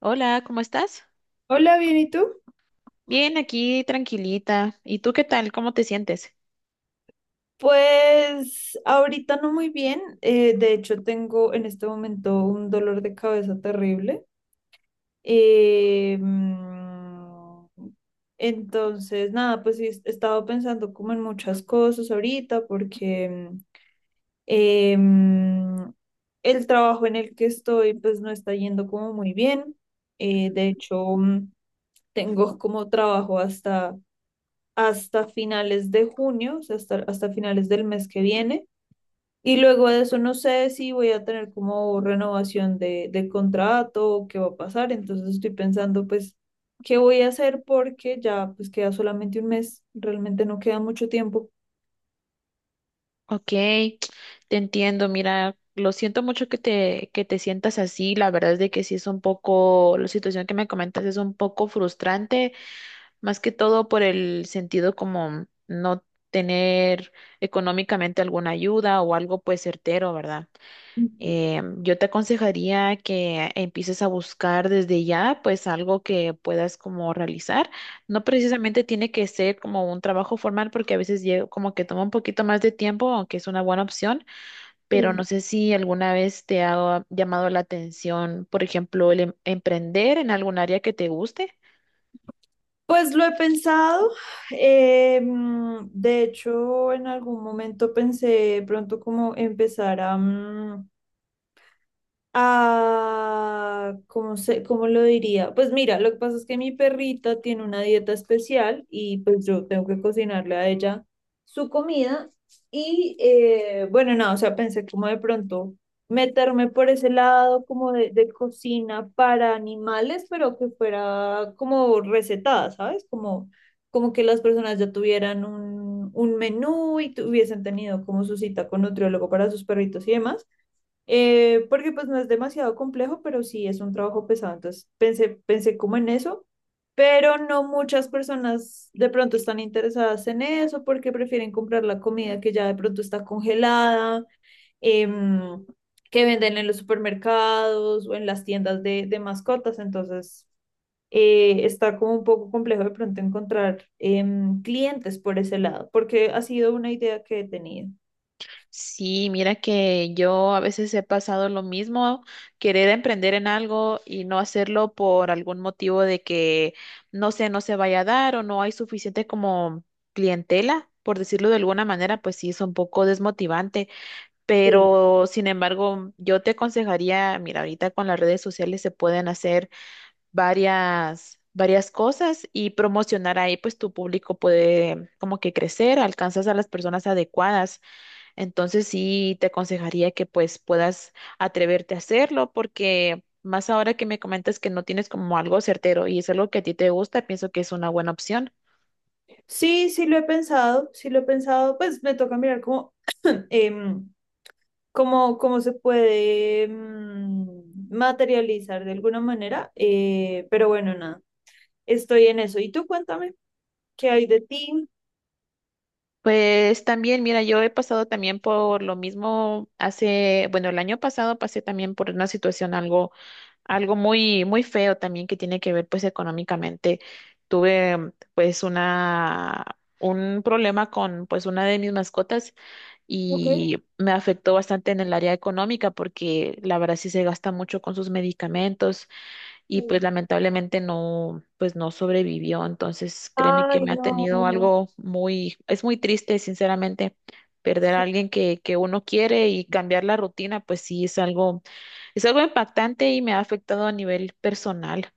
Hola, ¿cómo estás? Hola, bien, ¿y tú? Bien, aquí tranquilita. ¿Y tú qué tal? ¿Cómo te sientes? Pues ahorita no muy bien. De hecho, tengo en este momento un dolor de cabeza terrible. eh, mm, entonces, nada, pues sí, he estado pensando como en muchas cosas ahorita porque eh, mm, el trabajo en el que estoy pues no está yendo como muy bien. De hecho, tengo como trabajo hasta hasta finales de junio, o sea, hasta finales del mes que viene. Y luego de eso no sé si voy a tener como renovación de contrato o qué va a pasar. Entonces estoy pensando pues qué voy a hacer porque ya pues queda solamente un mes, realmente no queda mucho tiempo. Ok, te entiendo. Mira, lo siento mucho que te sientas así. La verdad es de que sí es un poco, la situación que me comentas es un poco frustrante, más que todo por el sentido como no tener económicamente alguna ayuda o algo pues certero, ¿verdad? Ujú. Yo te aconsejaría que empieces a buscar desde ya, pues algo que puedas como realizar. No precisamente tiene que ser como un trabajo formal, porque a veces como que toma un poquito más de tiempo, aunque es una buena opción, pero no Sí. sé si alguna vez te ha llamado la atención, por ejemplo, el emprender en algún área que te guste. Pues lo he pensado. De hecho, en algún momento pensé pronto como empezar ah, ¿cómo se, cómo lo diría? Pues mira, lo que pasa es que mi perrita tiene una dieta especial y pues yo tengo que cocinarle a ella su comida. Y bueno, nada, o sea, pensé como de pronto meterme por ese lado como de cocina para animales, pero que fuera como recetada, ¿sabes? Como, como que las personas ya tuvieran un menú y tuviesen tenido como su cita con nutriólogo para sus perritos y demás. Porque pues no es demasiado complejo, pero sí es un trabajo pesado. Entonces pensé como en eso, pero no muchas personas de pronto están interesadas en eso porque prefieren comprar la comida que ya de pronto está congelada, em, que venden en los supermercados o en las tiendas de mascotas. Entonces está como un poco complejo de pronto encontrar clientes por ese lado, porque ha sido una idea que he tenido. Sí, mira que yo a veces he pasado lo mismo, querer emprender en algo y no hacerlo por algún motivo de que no sé, no se vaya a dar o no hay suficiente como clientela, por decirlo de alguna manera, pues sí es un poco desmotivante, Sí. pero sin embargo, yo te aconsejaría, mira, ahorita con las redes sociales se pueden hacer varias cosas y promocionar ahí, pues tu público puede como que crecer, alcanzas a las personas adecuadas. Entonces sí te aconsejaría que pues puedas atreverte a hacerlo porque más ahora que me comentas que no tienes como algo certero y es algo que a ti te gusta, pienso que es una buena opción. Sí. Sí, lo he pensado, sí lo he pensado, pues me toca mirar cómo, em, cómo, cómo se puede materializar de alguna manera, pero bueno, nada, estoy en eso. Y tú cuéntame, ¿qué hay de ti? Pues también, mira, yo he pasado también por lo mismo hace, bueno, el año pasado pasé también por una situación algo, algo muy, muy feo también que tiene que ver pues económicamente. Tuve pues un problema con pues una de mis mascotas Okay. y me afectó bastante en el área económica porque la verdad sí se gasta mucho con sus medicamentos y pues lamentablemente no, pues no sobrevivió. Entonces créeme que Ay, me ha tenido no. algo muy, es muy triste, sinceramente. Perder a alguien que uno quiere y cambiar la rutina, pues sí es algo impactante y me ha afectado a nivel personal.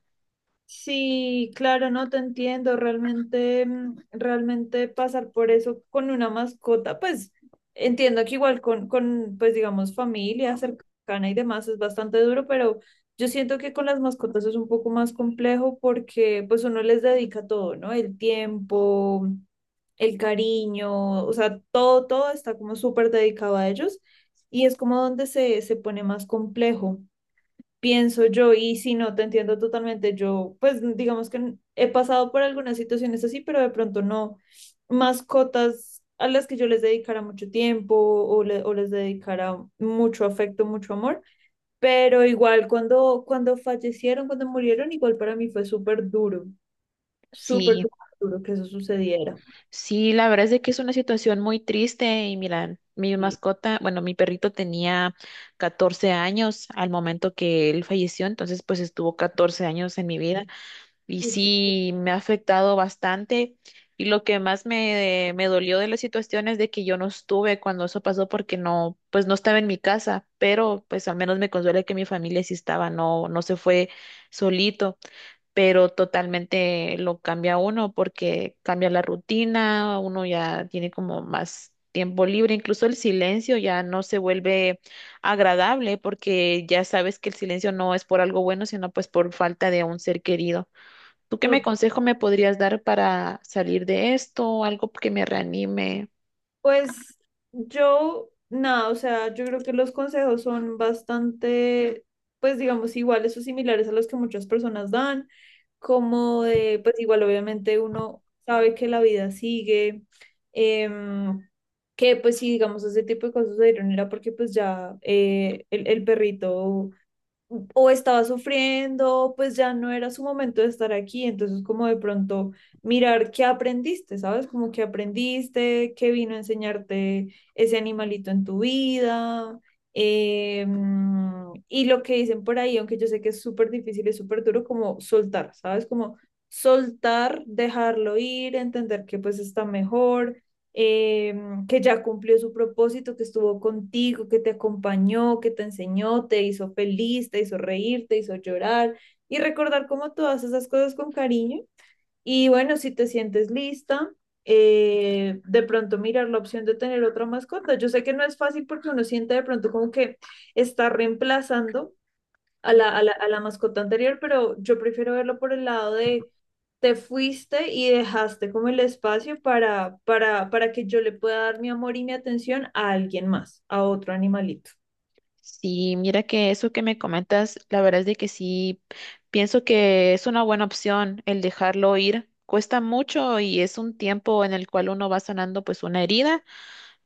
Sí, claro, no te entiendo. Realmente, realmente pasar por eso con una mascota, pues entiendo que igual con, pues digamos, familia cercana y demás es bastante duro, pero yo siento que con las mascotas es un poco más complejo porque pues uno les dedica todo, ¿no? El tiempo, el cariño, o sea, todo, todo está como súper dedicado a ellos y es como donde se pone más complejo pienso yo, y si no, te entiendo totalmente. Yo, pues, digamos que he pasado por algunas situaciones así, pero de pronto no mascotas a las que yo les dedicara mucho tiempo o, o les dedicara mucho afecto, mucho amor. Pero igual cuando, cuando fallecieron, cuando murieron, igual para mí fue súper duro, súper, Sí. súper duro que eso sucediera. Sí, la verdad es de que es una situación muy triste y mira, mi Y, mascota, bueno, mi perrito tenía 14 años al momento que él falleció, entonces pues estuvo 14 años en mi vida y sí me ha afectado bastante y lo que más me dolió de la situación es de que yo no estuve cuando eso pasó porque no, pues no estaba en mi casa, pero pues al menos me consuela que mi familia sí estaba, no, no se fue solito, pero totalmente lo cambia uno porque cambia la rutina, uno ya tiene como más tiempo libre, incluso el silencio ya no se vuelve agradable porque ya sabes que el silencio no es por algo bueno, sino pues por falta de un ser querido. ¿Tú qué me uf, consejo me podrías dar para salir de esto, algo que me reanime? pues yo, nada, o sea, yo creo que los consejos son bastante, pues digamos, iguales o similares a los que muchas personas dan, como de, pues igual obviamente uno sabe que la vida sigue, em, que pues sí, digamos, ese tipo de cosas se dieron era porque pues ya el perrito o estaba sufriendo, pues ya no era su momento de estar aquí, entonces como de pronto mirar qué aprendiste, ¿sabes? Como qué aprendiste, qué vino a enseñarte ese animalito en tu vida. eh, y lo que dicen por ahí, aunque yo sé que es súper difícil, es súper duro, como soltar, ¿sabes? Como soltar, dejarlo ir, entender que pues está mejor, que ya cumplió su propósito, que estuvo contigo, que te acompañó, que te enseñó, te hizo feliz, te hizo reír, te hizo llorar y recordar como todas esas cosas con cariño. Y bueno, si te sientes lista, de pronto mirar la opción de tener otra mascota. Yo sé que no es fácil porque uno siente de pronto como que está reemplazando a a la mascota anterior, pero yo prefiero verlo por el lado de te fuiste y dejaste como el espacio para que yo le pueda dar mi amor y mi atención a alguien más, a otro animalito. Sí, mira que eso que me comentas, la verdad es de que sí, pienso que es una buena opción el dejarlo ir. Cuesta mucho y es un tiempo en el cual uno va sanando pues una herida,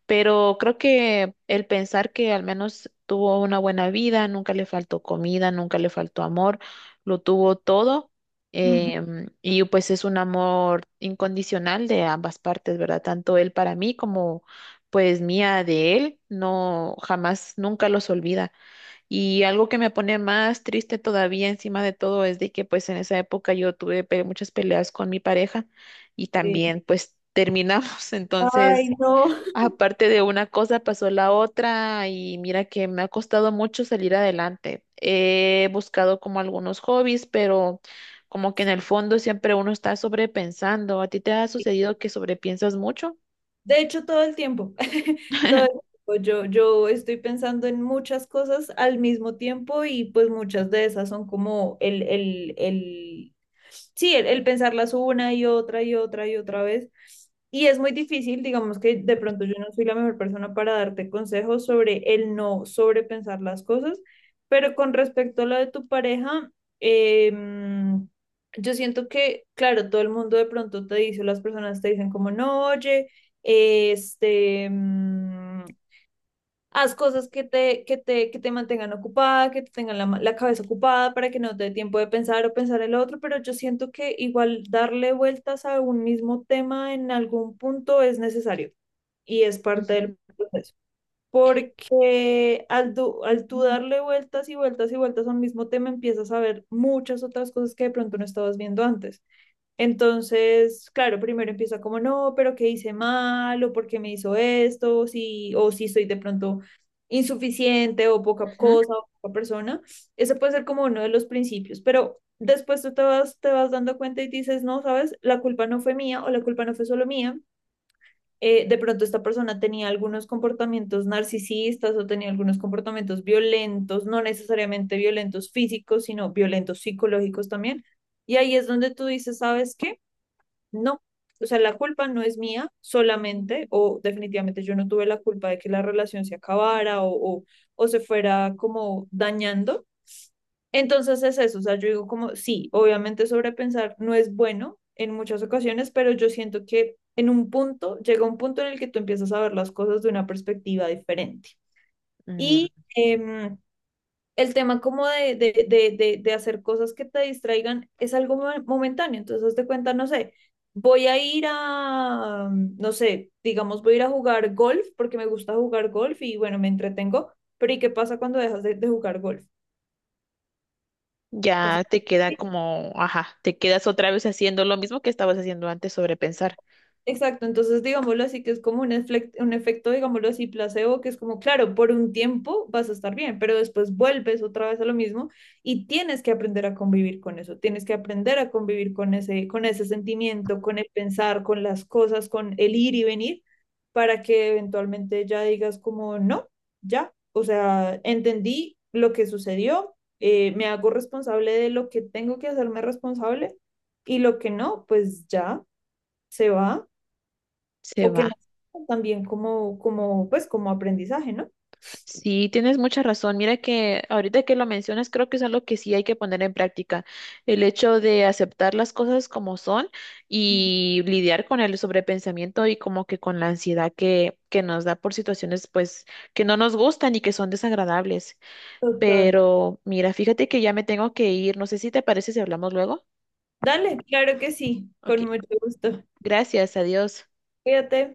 pero creo que el pensar que al menos tuvo una buena vida, nunca le faltó comida, nunca le faltó amor, lo tuvo todo. Ujú. Y pues es un amor incondicional de ambas partes, ¿verdad? Tanto él para mí como pues mía de él, no jamás, nunca los olvida. Y algo que me pone más triste todavía encima de todo es de que pues en esa época yo tuve muchas peleas con mi pareja y Eh, también pues terminamos. Ay, Entonces, no. aparte de una cosa pasó la otra y mira que me ha costado mucho salir adelante. He buscado como algunos hobbies, pero como que en el fondo siempre uno está sobrepensando. ¿A ti te ha sucedido que sobrepiensas mucho? De hecho, todo el tiempo, todo el tiempo, yo estoy pensando en muchas cosas al mismo tiempo y pues muchas de esas son como sí, el pensarlas una y otra y otra y otra vez. Y es muy difícil, digamos que de pronto yo no soy la mejor persona para darte consejos sobre el no sobrepensar las cosas, pero con respecto a lo de tu pareja, eh, yo siento que, claro, todo el mundo de pronto te dice, o las personas te dicen como, no, oye, este, mm, haz cosas que te mantengan ocupada, que te tengan la cabeza ocupada para que no te dé tiempo de pensar o pensar el otro, pero yo siento que igual darle vueltas a un mismo tema en algún punto es necesario y es parte del proceso. Porque al, al tú darle vueltas y vueltas y vueltas a un mismo tema, empiezas a ver muchas otras cosas que de pronto no estabas viendo antes. Entonces, claro, primero empieza como, no, pero ¿qué hice mal? ¿O por qué me hizo esto? Si, o si soy de pronto insuficiente o poca cosa o poca persona. Ese puede ser como uno de los principios, pero después te vas dando cuenta y dices, no, sabes, la culpa no fue mía o la culpa no fue solo mía. De pronto esta persona tenía algunos comportamientos narcisistas o tenía algunos comportamientos violentos, no necesariamente violentos físicos, sino violentos psicológicos también. Y ahí es donde tú dices, ¿sabes qué? No, o sea, la culpa no es mía solamente, o definitivamente yo no tuve la culpa de que la relación se acabara o, o se fuera como dañando. Entonces es eso, o sea, yo digo como, sí, obviamente sobrepensar no es bueno en muchas ocasiones, pero yo siento que en un punto, llega un punto en el que tú empiezas a ver las cosas de una perspectiva diferente. Ujú. Y em, el tema como de hacer cosas que te distraigan es algo momentáneo. Entonces, hazte cuenta, no sé, voy a ir a, no sé, digamos, voy a ir a jugar golf porque me gusta jugar golf y bueno, me entretengo, pero ¿y qué pasa cuando dejas de jugar golf? Pasa- Ya te queda como, ajá, te quedas otra vez haciendo lo mismo que estabas haciendo antes, sobrepensar. Exacto, entonces digámoslo así, que es como un, un efecto, digámoslo así, placebo, que es como, claro, por un tiempo vas a estar bien, pero después vuelves otra vez a lo mismo y tienes que aprender a convivir con eso, tienes que aprender a convivir con ese sentimiento, con el pensar, con las cosas, con el ir y venir, para que eventualmente ya digas como, no, ya, o sea, entendí lo que sucedió, me hago responsable de lo que tengo que hacerme responsable y lo que no, pues ya se va Se o que va. me sirvan también como, como, pues, como aprendizaje, ¿no? Sí, tienes mucha razón. Mira que ahorita que lo mencionas, creo que es algo que sí hay que poner en práctica. El hecho de aceptar las cosas como son Ujú. y lidiar con el sobrepensamiento y como que con la ansiedad que nos da por situaciones pues que no nos gustan y que son desagradables. Total. Pero mira, fíjate que ya me tengo que ir. No sé si te parece si hablamos luego. Dale, claro que sí, Ok, con mucho gusto. gracias, adiós. Cuídate.